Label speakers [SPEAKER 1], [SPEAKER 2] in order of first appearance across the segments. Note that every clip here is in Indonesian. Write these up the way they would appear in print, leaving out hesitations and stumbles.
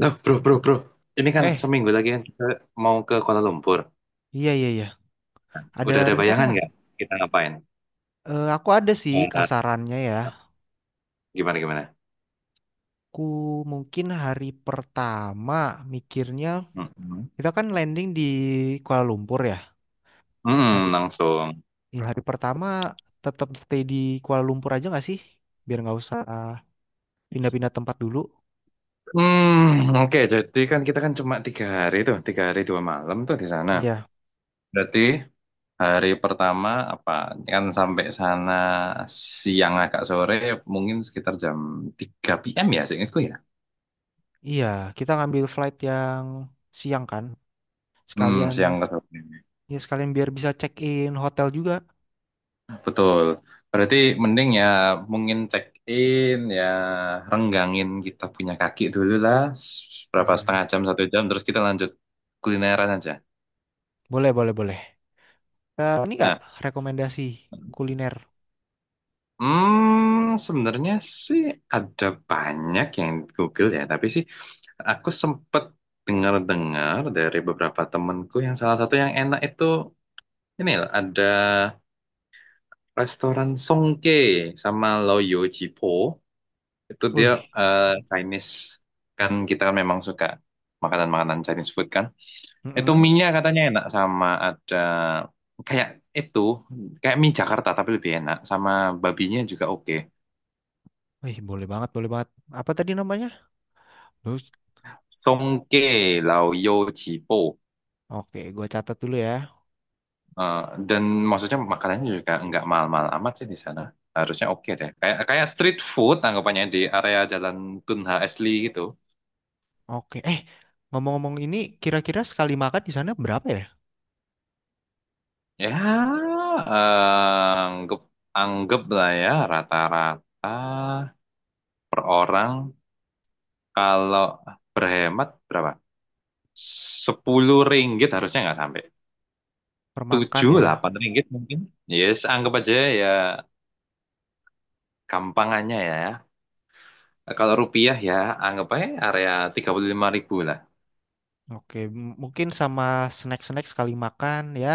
[SPEAKER 1] Nah, bro, bro, bro. Ini kan
[SPEAKER 2] Eh,
[SPEAKER 1] seminggu lagi kan kita mau ke Kuala Lumpur.
[SPEAKER 2] iya, iya, iya. Ada
[SPEAKER 1] Udah ada
[SPEAKER 2] rencana
[SPEAKER 1] bayangan
[SPEAKER 2] nggak?
[SPEAKER 1] nggak kita ngapain?
[SPEAKER 2] Aku ada sih
[SPEAKER 1] Eh,
[SPEAKER 2] kasarannya ya.
[SPEAKER 1] gimana gimana?
[SPEAKER 2] Aku mungkin hari pertama mikirnya
[SPEAKER 1] Mm-mm.
[SPEAKER 2] kita kan landing di Kuala Lumpur ya. Hari
[SPEAKER 1] Langsung.
[SPEAKER 2] Hari pertama tetap stay di Kuala Lumpur aja nggak sih? Biar nggak usah pindah-pindah tempat dulu.
[SPEAKER 1] Hmm, oke. Jadi kan kita kan cuma tiga hari tuh, tiga hari dua malam tuh di sana.
[SPEAKER 2] Iya,
[SPEAKER 1] Berarti hari pertama apa? Kan sampai sana siang agak sore, mungkin sekitar jam 3 PM ya, seingatku ya.
[SPEAKER 2] iya. Kita ngambil flight yang siang kan.
[SPEAKER 1] Hmm,
[SPEAKER 2] Sekalian
[SPEAKER 1] siang ke sore.
[SPEAKER 2] sekalian biar bisa check in hotel juga.
[SPEAKER 1] Betul. Berarti mending ya mungkin check in ya renggangin kita punya kaki dulu lah berapa
[SPEAKER 2] Iya.
[SPEAKER 1] setengah jam satu jam terus kita lanjut kulineran aja.
[SPEAKER 2] Boleh, boleh, boleh. Eh, ini nggak
[SPEAKER 1] Nah,
[SPEAKER 2] rekomendasi kuliner?
[SPEAKER 1] sebenarnya sih ada banyak yang di Google ya, tapi sih aku sempet dengar-dengar dari beberapa temenku yang salah satu yang enak itu ini loh, ada restoran Songke sama Loyo Jipo. Itu dia
[SPEAKER 2] Wih.
[SPEAKER 1] eh, Chinese. Kan kita kan memang suka makanan-makanan Chinese food kan. Itu
[SPEAKER 2] Mm-mm.
[SPEAKER 1] mie-nya katanya enak sama ada kayak itu, kayak mie Jakarta tapi lebih enak. Sama babinya juga oke.
[SPEAKER 2] Wih, boleh banget, boleh banget. Apa tadi namanya? Terus,
[SPEAKER 1] Songke Lao Yo Chi.
[SPEAKER 2] oke, gue catat dulu ya.
[SPEAKER 1] Eh, dan maksudnya makanannya juga nggak mahal-mahal amat sih di sana. Harusnya oke deh. Kayak kayak street food anggapannya di area Jalan Tun H. Asli gitu.
[SPEAKER 2] Oke, eh, ngomong-ngomong ini, kira-kira sekali makan di sana berapa ya?
[SPEAKER 1] Ya, anggap anggap lah ya rata-rata per orang kalau berhemat berapa? 10 ringgit harusnya nggak sampai.
[SPEAKER 2] Permakan
[SPEAKER 1] tujuh
[SPEAKER 2] ya.
[SPEAKER 1] delapan ringgit mungkin. Yes, anggap aja ya gampangannya ya. Kalau rupiah ya anggap aja area 35.000 lah.
[SPEAKER 2] Oke, mungkin sama snack-snack sekali makan ya,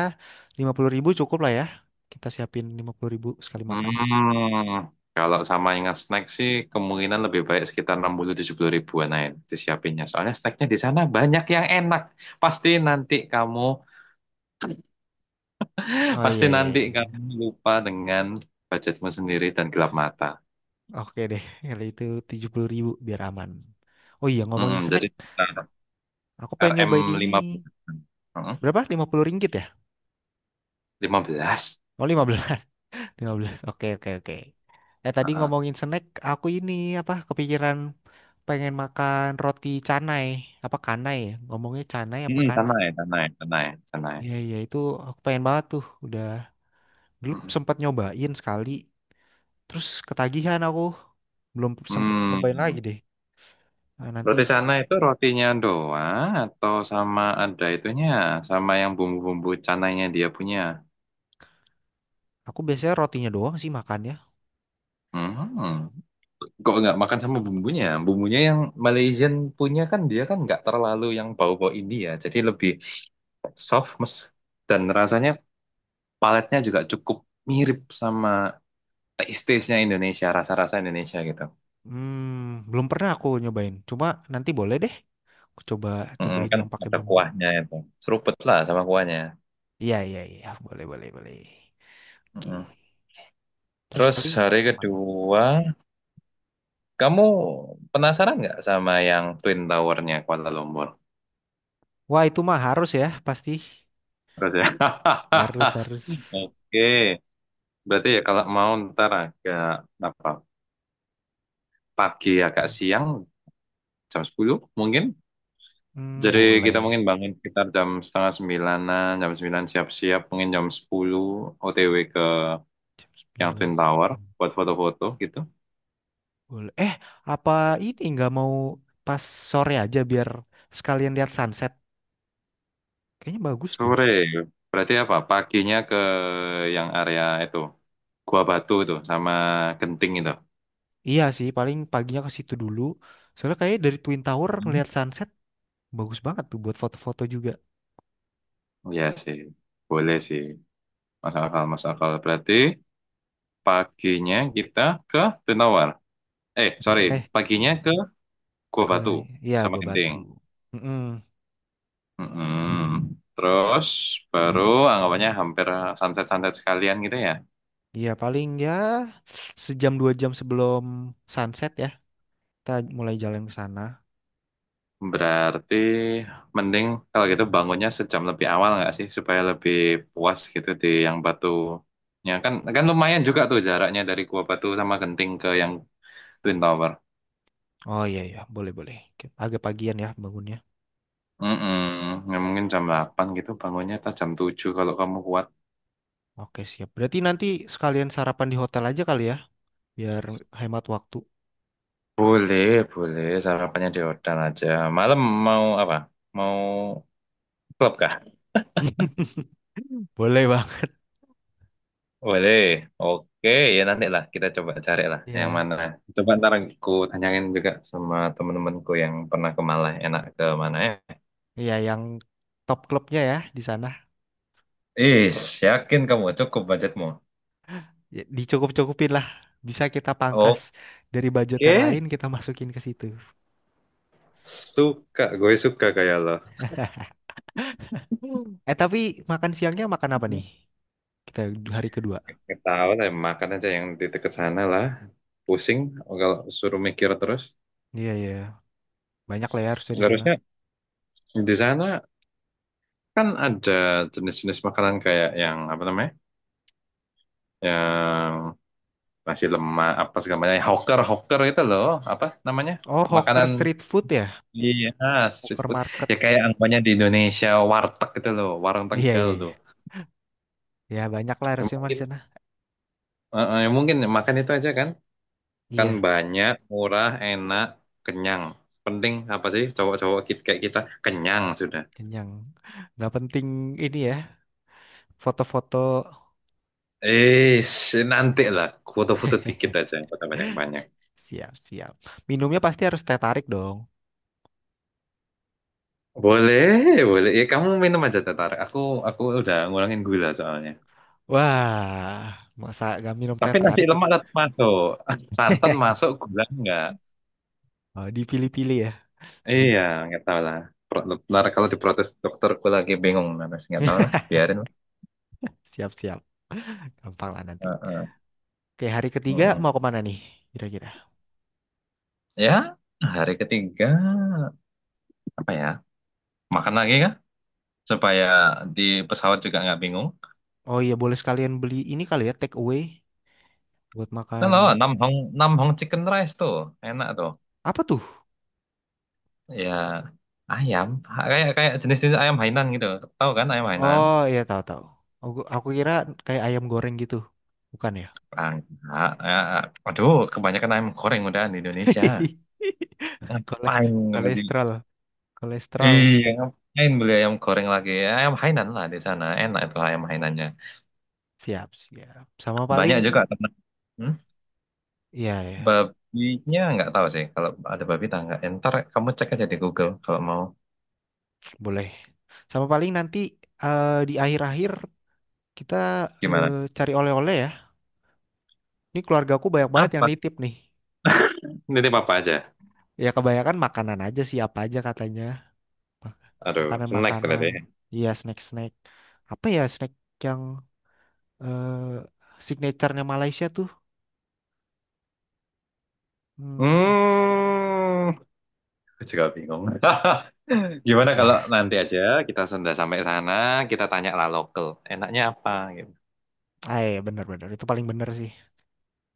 [SPEAKER 2] 50.000 cukup lah ya. Kita siapin 50.000 sekali makan.
[SPEAKER 1] Hmm, kalau sama ingat snack sih kemungkinan lebih baik sekitar 60-70 ribuan aja disiapinnya. Soalnya snacknya di sana banyak yang enak. Pasti nanti kamu,
[SPEAKER 2] Oh
[SPEAKER 1] pasti
[SPEAKER 2] iya, iya,
[SPEAKER 1] nanti
[SPEAKER 2] iya.
[SPEAKER 1] kamu lupa dengan budgetmu sendiri dan gelap mata.
[SPEAKER 2] Oke deh, kalau itu 70.000 biar aman. Oh iya,
[SPEAKER 1] Mm-mm,
[SPEAKER 2] ngomongin snack,
[SPEAKER 1] jadi sekitar
[SPEAKER 2] aku pengen
[SPEAKER 1] RM
[SPEAKER 2] nyobain ini.
[SPEAKER 1] 15. Mm-mm,
[SPEAKER 2] Berapa? 50 ringgit ya?
[SPEAKER 1] 15.
[SPEAKER 2] Oh, 15. Lima belas. Oke, oke, oke. Eh, tadi
[SPEAKER 1] Heeh.
[SPEAKER 2] ngomongin snack, aku ini apa kepikiran pengen makan roti canai. Apa kanai ya? Ngomongnya canai apa
[SPEAKER 1] Mm-mm, sana
[SPEAKER 2] kanai?
[SPEAKER 1] ya, sana ya, sana ya, sana ya.
[SPEAKER 2] Iya, iya, itu aku pengen banget tuh. Udah dulu
[SPEAKER 1] Mm-mm.
[SPEAKER 2] sempat nyobain sekali, terus ketagihan aku. Belum sempat nyobain lagi
[SPEAKER 1] Hmm.
[SPEAKER 2] deh. Nah,
[SPEAKER 1] Roti
[SPEAKER 2] nanti
[SPEAKER 1] canai itu rotinya doang atau sama ada itunya, sama yang bumbu-bumbu canainya dia punya.
[SPEAKER 2] aku biasanya rotinya doang sih makannya.
[SPEAKER 1] Hmm. Kok nggak makan sama bumbunya? Bumbunya yang Malaysian punya kan dia kan nggak terlalu yang bau-bau India, jadi lebih soft mes dan rasanya paletnya juga cukup mirip sama taste-taste-nya Indonesia, rasa-rasa Indonesia gitu.
[SPEAKER 2] Hmm, belum pernah aku nyobain. Cuma nanti boleh deh. Aku coba
[SPEAKER 1] Mm-mm,
[SPEAKER 2] cobain
[SPEAKER 1] kan
[SPEAKER 2] yang pakai
[SPEAKER 1] ada
[SPEAKER 2] bumbu.
[SPEAKER 1] kuahnya itu, seruput lah sama kuahnya.
[SPEAKER 2] Iya, iya, iya, boleh, boleh, boleh.
[SPEAKER 1] Mm-mm.
[SPEAKER 2] Oke. Terus
[SPEAKER 1] Terus
[SPEAKER 2] paling
[SPEAKER 1] hari
[SPEAKER 2] kemana?
[SPEAKER 1] kedua. Kamu penasaran nggak sama yang Twin Tower-nya Kuala Lumpur?
[SPEAKER 2] Wah, itu mah harus ya pasti.
[SPEAKER 1] Terus ya.
[SPEAKER 2] Harus, harus.
[SPEAKER 1] Oke, berarti ya kalau mau ntar agak apa pagi agak siang jam 10 mungkin.
[SPEAKER 2] Hmm,
[SPEAKER 1] Jadi kita
[SPEAKER 2] boleh.
[SPEAKER 1] mungkin bangun sekitar jam setengah sembilanan, jam 9 siap-siap, mungkin jam 10 OTW ke
[SPEAKER 2] Jam
[SPEAKER 1] yang
[SPEAKER 2] sembilan
[SPEAKER 1] Twin Tower
[SPEAKER 2] hmm,
[SPEAKER 1] buat foto-foto gitu.
[SPEAKER 2] Boleh. Eh, apa ini nggak mau pas sore aja biar sekalian lihat sunset. Kayaknya bagus tuh.
[SPEAKER 1] Sore, berarti apa? Paginya ke yang area itu, Gua Batu itu sama Genting itu.
[SPEAKER 2] Iya sih paling paginya ke situ dulu. Soalnya kayaknya dari Twin Tower ngelihat sunset bagus banget tuh buat foto-foto juga.
[SPEAKER 1] Oh ya sih, boleh sih. Masuk akal, masuk akal. Berarti paginya kita ke Tunawar. Eh, sorry,
[SPEAKER 2] Eh
[SPEAKER 1] paginya ke Gua
[SPEAKER 2] ke
[SPEAKER 1] Batu
[SPEAKER 2] Iya,
[SPEAKER 1] sama
[SPEAKER 2] Gua
[SPEAKER 1] Genting.
[SPEAKER 2] Batu. Mm-mm.
[SPEAKER 1] Mm-mm. Terus baru anggapannya hampir sunset-sunset sekalian gitu ya.
[SPEAKER 2] Iya paling ya sejam 2 jam sebelum sunset ya kita mulai jalan ke sana.
[SPEAKER 1] Berarti mending kalau gitu bangunnya sejam lebih awal nggak sih supaya lebih puas gitu di yang Batunya kan kan lumayan juga tuh jaraknya dari Gua Batu sama Genting ke yang Twin Tower.
[SPEAKER 2] Oh iya ya, boleh, boleh. Agak pagian ya bangunnya.
[SPEAKER 1] Ya, mungkin jam 8 gitu bangunnya atau jam 7 kalau kamu kuat.
[SPEAKER 2] Oke siap. Berarti nanti sekalian sarapan di hotel aja kali ya, biar hemat waktu.
[SPEAKER 1] Boleh, boleh. Sarapannya di hotel aja. Malam mau apa? Mau klub kah?
[SPEAKER 2] Boleh bang.
[SPEAKER 1] Boleh. Oke, ya nanti lah kita coba cari lah yang
[SPEAKER 2] Iya,
[SPEAKER 1] mana. Coba ntar aku tanyain juga sama temen-temenku yang pernah ke Malah enak ke mana ya.
[SPEAKER 2] iya yang top klubnya ya di sana.
[SPEAKER 1] Is, yakin kamu cukup budgetmu?
[SPEAKER 2] Ya, dicukup-cukupin lah. Bisa kita pangkas dari budget yang lain
[SPEAKER 1] Oke.
[SPEAKER 2] kita masukin ke situ.
[SPEAKER 1] Suka, gue suka kayak lo.
[SPEAKER 2] Hmm. Eh, tapi makan siangnya makan apa nih? Kita hari kedua.
[SPEAKER 1] Nggak tahu lah, makan aja yang di dekat sana lah. Pusing kalau suruh mikir terus.
[SPEAKER 2] Iya, iya, banyak lah ya harusnya di
[SPEAKER 1] Nggak
[SPEAKER 2] sana.
[SPEAKER 1] harusnya di sana kan ada jenis-jenis makanan kayak yang apa namanya? Yang nasi lemak apa segala macam. Hawker, hawker itu loh, apa namanya?
[SPEAKER 2] Oh, hawker
[SPEAKER 1] Makanan.
[SPEAKER 2] street food ya,
[SPEAKER 1] Iya, street
[SPEAKER 2] hawker
[SPEAKER 1] food.
[SPEAKER 2] market.
[SPEAKER 1] Ya kayak anggapannya di Indonesia warteg gitu loh, warung
[SPEAKER 2] Iya,
[SPEAKER 1] Tegal
[SPEAKER 2] iya, iya.
[SPEAKER 1] tuh.
[SPEAKER 2] Ya banyak lah
[SPEAKER 1] Ya
[SPEAKER 2] harusnya mah di
[SPEAKER 1] Mungkin
[SPEAKER 2] sana.
[SPEAKER 1] ya mungkin makan itu aja kan. Kan
[SPEAKER 2] Iya.
[SPEAKER 1] banyak, murah, enak, kenyang. Penting apa sih cowok-cowok kayak kita? Kenyang sudah.
[SPEAKER 2] Kenyang. Nggak penting ini ya, foto-foto.
[SPEAKER 1] Eh, nanti lah. Foto-foto dikit aja, nggak usah banyak-banyak.
[SPEAKER 2] Siap, siap. Minumnya pasti harus teh tarik dong.
[SPEAKER 1] Boleh, boleh. Ya, kamu minum aja tetar. Aku udah ngurangin gula soalnya.
[SPEAKER 2] Wah, masa nggak minum teh
[SPEAKER 1] Tapi nasi
[SPEAKER 2] tarik? Kuk?
[SPEAKER 1] lemak tetap masuk. Santan masuk, gula enggak.
[SPEAKER 2] Oh, dipilih-pilih ya. Dim.
[SPEAKER 1] Iya, nggak tahu lah. Pro- Ntar
[SPEAKER 2] Oh.
[SPEAKER 1] kalau diprotes dokterku lagi bingung. Nanti nggak tahu lah, biarin lah.
[SPEAKER 2] Siap-siap. Gampang lah nanti.
[SPEAKER 1] Heeh,
[SPEAKER 2] Oke, hari ketiga
[SPEAKER 1] heeh.
[SPEAKER 2] mau kemana nih? Kira-kira.
[SPEAKER 1] Ya, hari ketiga apa ya? Makan lagi kah? Supaya di pesawat juga nggak bingung.
[SPEAKER 2] Oh iya, boleh sekalian beli ini kali ya, take away. Buat
[SPEAKER 1] Nah, loh,
[SPEAKER 2] makan.
[SPEAKER 1] Nam Hong Nam Hong Chicken Rice tuh enak tuh.
[SPEAKER 2] Apa tuh?
[SPEAKER 1] Ya ayam kayak kayak jenis-jenis ayam Hainan gitu. Tahu kan ayam Hainan?
[SPEAKER 2] Oh iya, tahu-tahu. Aku kira kayak ayam goreng gitu. Bukan ya?
[SPEAKER 1] Ah, enggak. Ah, ah. Aduh, kebanyakan ayam goreng udah di Indonesia.
[SPEAKER 2] Kole-
[SPEAKER 1] Ngapain berarti?
[SPEAKER 2] Kolesterol. Kolesterol.
[SPEAKER 1] Iya, ngapain beli ayam goreng lagi? Ayam Hainan lah di sana. Enak itu ayam Hainannya.
[SPEAKER 2] Siap, siap. Sama
[SPEAKER 1] Banyak
[SPEAKER 2] paling
[SPEAKER 1] juga teman. Hmm?
[SPEAKER 2] ya, ya,
[SPEAKER 1] Babinya nggak tahu sih. Kalau ada babi tak nggak. Ntar kamu cek aja di Google kalau mau.
[SPEAKER 2] boleh. Sama paling nanti, di akhir-akhir kita,
[SPEAKER 1] Gimana?
[SPEAKER 2] cari oleh-oleh ya. Ini keluargaku banyak banget yang
[SPEAKER 1] Apa?
[SPEAKER 2] nitip nih.
[SPEAKER 1] Nitip apa aja?
[SPEAKER 2] Ya kebanyakan makanan aja sih apa aja katanya. Mak-
[SPEAKER 1] Aduh, snack
[SPEAKER 2] Makanan-makanan.
[SPEAKER 1] berarti.
[SPEAKER 2] Iya, snack-snack. Apa ya snack yang eh signaturenya Malaysia tuh? Hmm,
[SPEAKER 1] Hmm, aku juga bingung. Gimana kalau
[SPEAKER 2] ya,
[SPEAKER 1] nanti aja kita sudah sampai sana, kita tanya lah lokal, enaknya apa gitu.
[SPEAKER 2] ah, iya, bener-bener itu paling bener sih.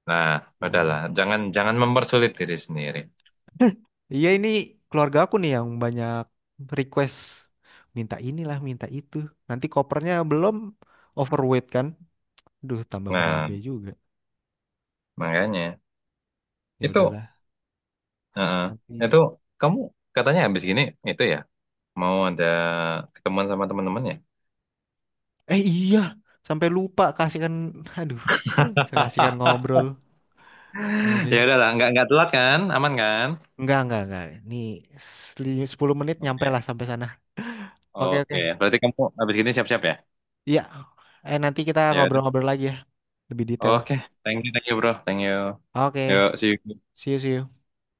[SPEAKER 1] Nah,
[SPEAKER 2] Hmm.
[SPEAKER 1] udahlah, jangan jangan mempersulit diri sendiri.
[SPEAKER 2] Iya ini keluarga aku nih yang banyak request minta inilah minta itu. Nanti kopernya belum overweight kan. Duh tambah
[SPEAKER 1] Nah,
[SPEAKER 2] berabe juga.
[SPEAKER 1] makanya
[SPEAKER 2] Ya
[SPEAKER 1] itu,
[SPEAKER 2] udahlah
[SPEAKER 1] eh, itu
[SPEAKER 2] nanti.
[SPEAKER 1] kamu katanya habis gini itu ya mau ada ketemuan sama teman temannya ya?
[SPEAKER 2] Iya, sampai lupa kasihkan. Aduh saya kasihkan ngobrol. Ayo
[SPEAKER 1] Ya
[SPEAKER 2] deh.
[SPEAKER 1] udahlah, nggak telat kan, aman kan?
[SPEAKER 2] Enggak, enggak, enggak. Nih, 10 menit nyampe
[SPEAKER 1] Oke,
[SPEAKER 2] lah sampai sana. Oke, oke.
[SPEAKER 1] Oke, berarti kamu habis gini siap-siap ya?
[SPEAKER 2] Iya. Eh, nanti kita
[SPEAKER 1] Ya
[SPEAKER 2] ngobrol-ngobrol lagi ya lebih detail.
[SPEAKER 1] Oke, thank you bro, thank you.
[SPEAKER 2] Oke.
[SPEAKER 1] Yuk, see you.
[SPEAKER 2] See you, see you.